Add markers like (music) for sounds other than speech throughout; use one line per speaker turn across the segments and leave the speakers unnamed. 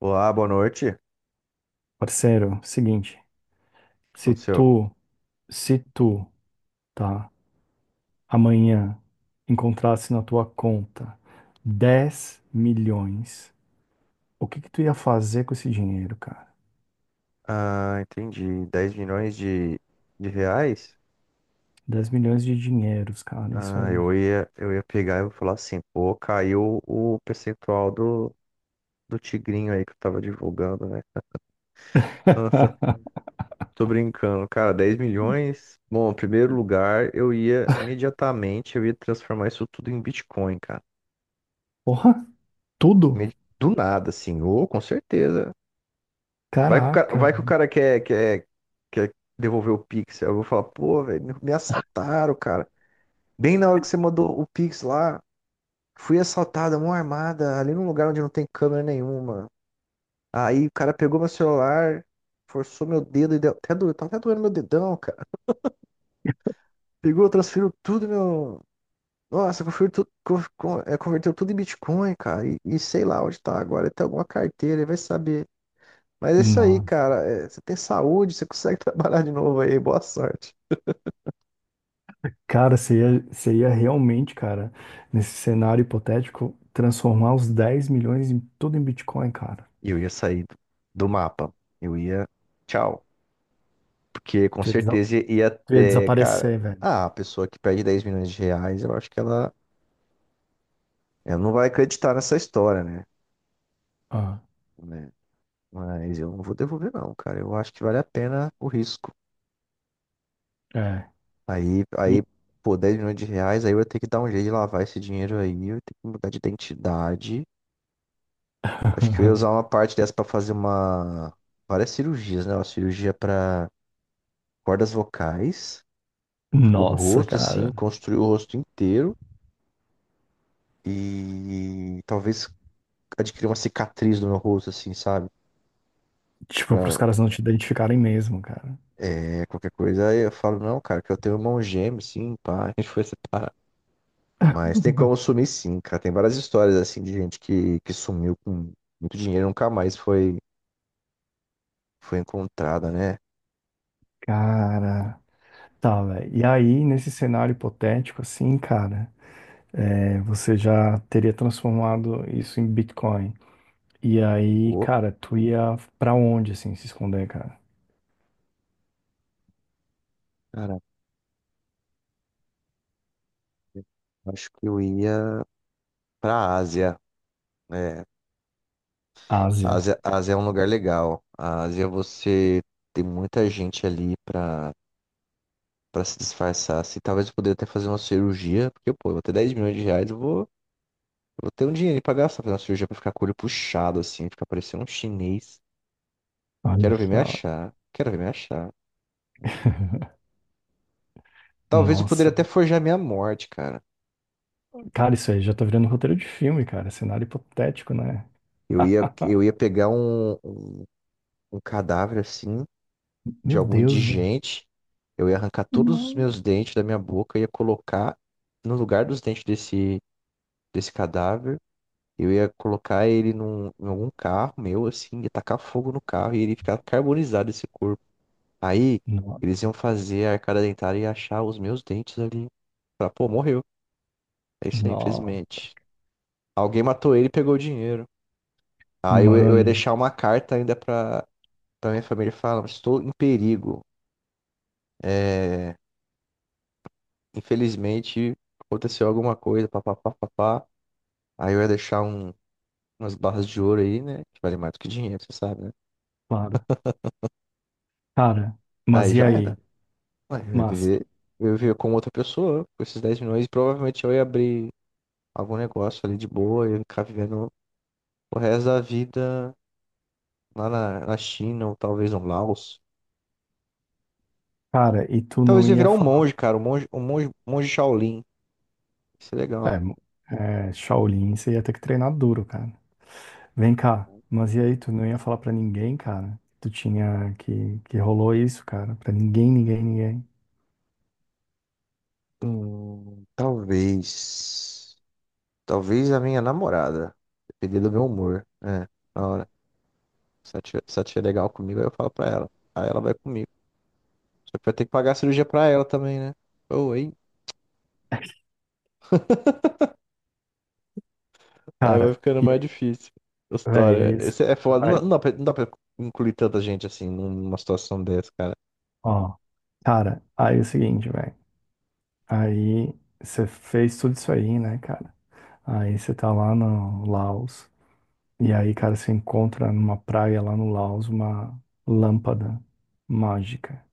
Olá, boa noite. O que
Parceiro, seguinte, se
aconteceu?
tu, se tu, tá, amanhã encontrasse na tua conta 10 milhões, o que que tu ia fazer com esse dinheiro, cara?
Ah, entendi. 10 milhões de reais?
10 milhões de dinheiros, cara, isso
Ah,
aí.
eu ia pegar e vou falar assim, pô, caiu o percentual do tigrinho aí que eu tava divulgando, né? Nossa,
(laughs)
tô brincando. Cara, dez milhões? Bom, em primeiro lugar, eu ia imediatamente, eu ia transformar isso tudo em Bitcoin, cara.
Porra, tudo?
Me- Do nada, assim, ou com certeza. Vai que o cara,
Caraca.
vai que o cara quer devolver o Pix. Aí eu vou falar, pô, velho, me assaltaram, cara. Bem na hora que você mandou o Pix lá, fui assaltada, mão armada, ali num lugar onde não tem câmera nenhuma. Aí o cara pegou meu celular, forçou meu dedo e deu. Até doeu, tá até doendo meu dedão, cara. Pegou, transferiu tudo meu. Nossa, converteu, tudo, converteu tudo em Bitcoin, cara. E sei lá onde tá agora. Ele tem alguma carteira, ele vai saber. Mas é isso aí,
Nossa.
cara. É, você tem saúde, você consegue (laughs) trabalhar de novo aí. Boa sorte.
Cara, você ia realmente, cara, nesse cenário hipotético, transformar os 10 milhões em tudo em Bitcoin, cara.
E eu ia sair do mapa. Eu ia. Tchau. Porque com
Tu ia, desa-
certeza ia
tu ia
ter, cara,
desaparecer, velho.
ah, a pessoa que perde 10 milhões de reais, eu acho que ela não vai acreditar nessa história, né?
Ah,
Né? Mas eu não vou devolver não, cara. Eu acho que vale a pena o risco.
é.
Aí, aí, pô, 10 milhões de reais, aí eu ia ter que dar um jeito de lavar esse dinheiro aí, eu ia ter que mudar de identidade. Acho que eu ia usar uma
(laughs)
parte dessa pra fazer uma várias cirurgias, né? Uma cirurgia pra cordas vocais, o
Nossa,
rosto assim,
cara.
construir o rosto inteiro. E talvez adquirir uma cicatriz no meu rosto, assim, sabe?
Tipo, pros
Pra
caras não te identificarem mesmo, cara.
é, qualquer coisa. Aí eu falo, não, cara, que eu tenho um irmão gêmeo, sim, pá, (laughs) a gente foi separar. Mas tem como sumir, sim, cara. Tem várias histórias, assim, de gente que sumiu com muito dinheiro e nunca mais foi encontrada, né?
Cara. Tá, velho. E aí, nesse cenário hipotético, assim, cara, você já teria transformado isso em Bitcoin. E aí,
Pô,
cara, tu ia pra onde, assim, se esconder, cara?
cara, eu acho que eu ia pra Ásia, né?
Ásia.
A Ásia é um lugar legal. A Ásia, você tem muita gente ali pra se disfarçar. Assim, talvez eu poderia até fazer uma cirurgia, porque, pô, eu vou ter 10 milhões de reais, eu vou ter um dinheiro pra gastar, fazer uma cirurgia pra ficar com o olho puxado, assim, ficar parecendo um chinês.
Olha
Quero ver me
só.
achar. Quero ver me achar.
(laughs)
Talvez eu poderia
Nossa.
até forjar minha morte, cara.
Cara, isso aí já tá virando roteiro de filme, cara. Cenário hipotético, né?
Eu ia
(laughs)
pegar um cadáver, assim,
Meu
de algum
Deus, velho.
indigente. Eu ia arrancar todos os
Não.
meus dentes da minha boca, ia colocar no lugar dos dentes desse cadáver. Eu ia colocar ele num, em algum carro meu, assim, ia tacar fogo no carro e ele ficar carbonizado esse corpo. Aí
Não.
eles iam fazer a arcada dentária e achar os meus dentes ali. Falar, pô, morreu. É isso aí,
Não.
infelizmente. Alguém matou ele e pegou o dinheiro. Eu ia
Mano,
deixar uma carta ainda pra minha família falar, estou em perigo. É, infelizmente aconteceu alguma coisa, papapá, papá. Aí eu ia deixar umas barras de ouro aí, né? Que vale mais do que dinheiro, você sabe, né?
para. Cara, mas
Aí
e
já
aí?
era. Ué, eu ia
Mas,
viver, eu ia viver como outra pessoa, com esses 10 milhões, e provavelmente eu ia abrir algum negócio ali de boa, eu ia ficar vivendo. O resto da vida lá na China, ou talvez no Laos.
cara, e tu não
Talvez eu ia
ia
virar um
falar.
monge, cara. Um monge Shaolin. Isso é legal.
É, mo- é, Shaolin, você ia ter que treinar duro, cara. Vem cá, mas e aí? Tu não ia falar pra ninguém, cara? Tu tinha que rolou isso, cara? Pra ninguém, ninguém, ninguém.
Talvez. Talvez a minha namorada. Depender do meu humor. É, na hora. Se ela tiver legal comigo, aí eu falo pra ela. Aí ela vai comigo. Só que vai ter que pagar a cirurgia pra ela também, né? Ou, hein? (laughs) Aí vai
Cara,
ficando
e
mais
aí,
difícil a
véi,
história.
é isso.
Esse é foda.
Vai,
Não, não dá pra incluir tanta gente assim numa situação dessa, cara.
ó. Cara, aí é o seguinte, velho. Aí você fez tudo isso aí, né, cara? Aí você tá lá no Laos. E aí, cara, você encontra numa praia lá no Laos uma lâmpada mágica.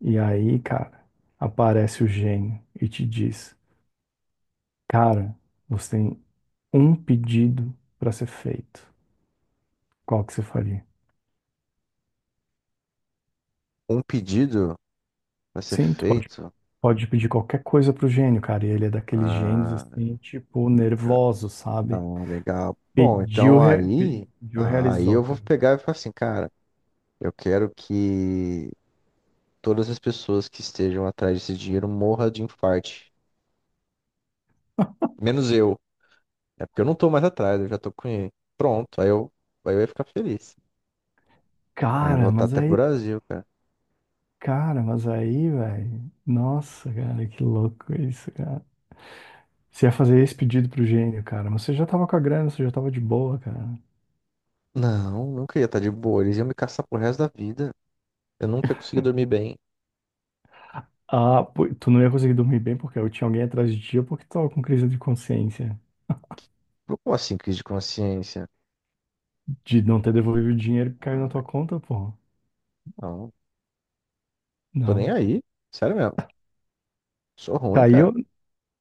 E aí, cara, aparece o gênio e te diz: Cara, você tem um pedido para ser feito. Qual que você faria?
Um pedido. Vai ser
Sim, tu pode,
feito?
pode pedir qualquer coisa pro gênio, cara. E ele é daqueles gênios
Ah,
assim, tipo, nervoso,
Ah,
sabe?
legal. Bom,
Pediu,
então
re-
aí,
pediu,
aí
realizou,
eu vou
cara.
pegar e falar assim, cara, eu quero que todas as pessoas que estejam atrás desse dinheiro morram de infarte. Menos eu. É porque eu não tô mais atrás, eu já tô com ele. Pronto, aí eu ia ficar feliz. Aí eu vou
Cara,
estar
mas
até pro
aí,
Brasil, cara.
cara, mas aí, velho. Nossa, cara, que louco isso, cara. Você ia fazer esse pedido pro gênio, cara. Mas você já tava com a grana, você já tava de boa, cara.
Não, nunca ia estar de boa. Eles iam me caçar pro resto da vida. Eu nunca ia conseguir dormir bem.
Ah, pô, tu não ia conseguir dormir bem porque eu tinha alguém atrás de ti ou porque tu tava com crise de consciência
Como assim, crise de consciência?
de não ter devolvido o dinheiro que caiu na
Ah,
tua conta, pô.
não, tô nem
Não.
aí. Sério mesmo. Sou ruim,
Caiu,
cara.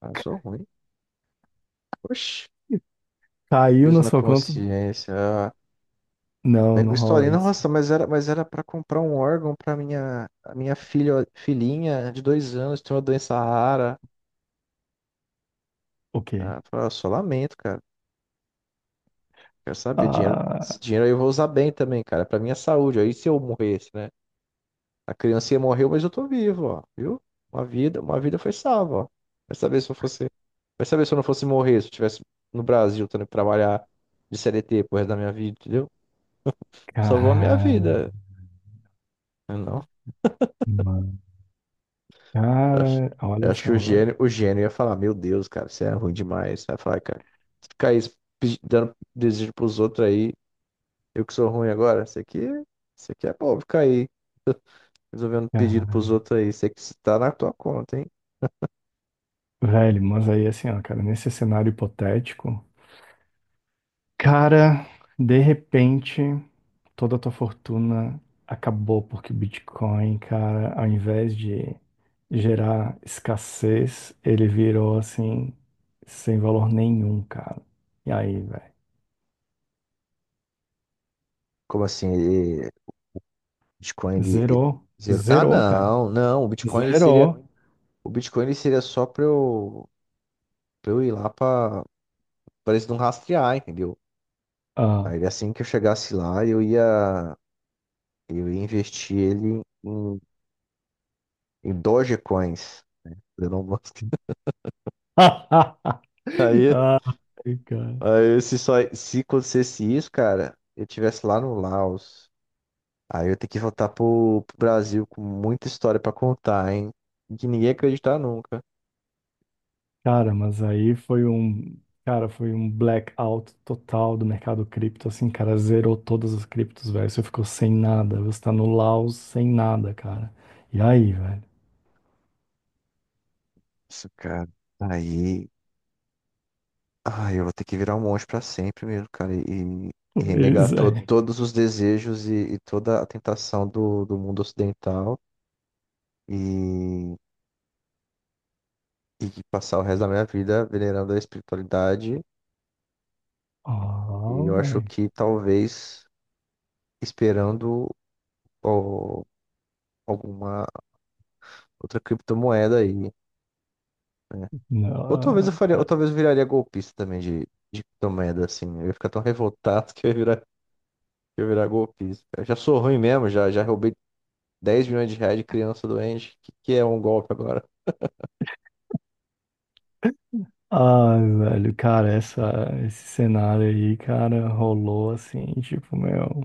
Ah, eu sou ruim. Oxi,
caiu
fiz
na
na
sua conta?
consciência. Ah,
Não,
lembro
não rola
historinha,
isso.
nossa, mas era para comprar um órgão para a minha filha, filhinha de dois anos, tem uma doença rara.
O quê?
Ah, eu falei, "Ah, só lamento, cara. Quero saber, dinheiro, esse
Ah,
dinheiro aí eu vou usar bem também, cara, para minha saúde. Aí se eu morresse, né? A criancinha morreu, mas eu tô vivo, ó, viu? Uma vida foi salva, ó. Vai saber se eu fosse, vai saber se eu não fosse morrer, se eu estivesse no Brasil, tendo que trabalhar de CLT pro resto da minha vida, entendeu? Salvou a minha
cara,
vida. Ah, não.
mano.
Eu acho,
Cara,
eu
olha
acho que
só, velho.
o gênio ia falar, meu Deus, cara, você é ruim demais. Vai falar, cara, se ficar aí dando desejo pros outros aí, eu que sou ruim agora, isso aqui é bom, ficar aí resolvendo pedido pros
Cara,
outros aí, isso aqui tá na tua conta, hein?
velho, mas aí assim, ó, cara, nesse cenário hipotético, cara, de repente. Toda a tua fortuna acabou porque o Bitcoin, cara, ao invés de gerar escassez, ele virou assim, sem valor nenhum, cara. E aí, velho?
Como assim, ele, Bitcoin,
Zerou.
ah,
Zerou, cara.
não, não, o Bitcoin,
Zerou.
o Bitcoin, ele seria só pra eu ir lá pra eles não rastrear, entendeu?
Ah.
Aí assim que eu chegasse lá, eu ia investir ele em Dogecoins. Elon Musk.
(laughs)
(laughs) Aí,
Ai, cara.
se acontecesse isso, cara, eu tivesse lá no Laos. Aí eu ia ter que voltar pro Brasil com muita história pra contar, hein? Que ninguém ia acreditar nunca.
Cara, mas aí foi um, cara, foi um blackout total do mercado cripto, assim, cara, zerou todas as criptos, velho. Você ficou sem nada, você tá no Laos sem nada, cara. E aí, velho?
Isso, cara. Aí. Ai, eu vou ter que virar um monge pra sempre mesmo, cara. E renegar
Pois é.
todos os desejos e toda a tentação do mundo ocidental. E, e passar o resto da minha vida venerando a espiritualidade. E
Oh,
eu acho
velho.
que talvez esperando ó, alguma outra criptomoeda aí, né?
Não,
Ou
cara.
talvez eu viraria golpista também de criptomoeda, assim. Eu ia ficar tão revoltado (laughs) que eu ia virar golpista. Eu já sou ruim mesmo, já roubei 10 milhões de reais de criança doente. Que é um golpe agora?
Ah, velho, cara, esse cenário aí, cara, rolou assim, tipo, meu,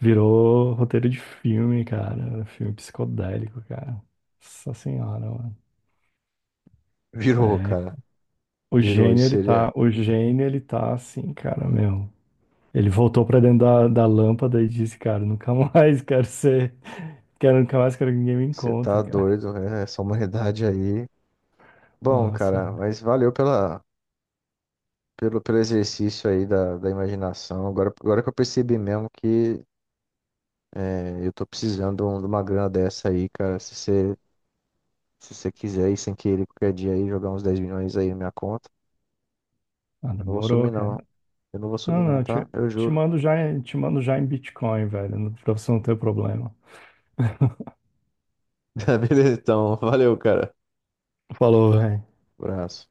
virou roteiro de filme, cara, filme psicodélico, cara. Nossa senhora, mano.
(laughs) Virou,
É,
cara.
O
Virou.
gênio,
Isso
ele
seria.
tá, o gênio, ele tá assim, cara, meu. Ele voltou pra dentro da lâmpada e disse, cara, nunca mais (laughs) quero ser, quero nunca mais quero que ninguém me
Você tá
encontre, cara.
doido, né? Essa humanidade aí. Bom,
Nossa,
cara, mas valeu pelo exercício aí da imaginação. Agora que eu percebi mesmo que é, eu tô precisando de uma grana dessa aí, cara. Se você quiser aí, sem querer, qualquer dia aí, jogar uns 10 milhões aí na minha conta.
ah,
Eu não vou
demorou,
sumir, não.
cara.
Eu não vou
Não,
sumir, não,
não, te,
tá? Eu
te
juro.
mando já, em Bitcoin, velho, pra você não ter problema.
(laughs) Beleza, então. Valeu, cara.
Falou, velho.
Abraço.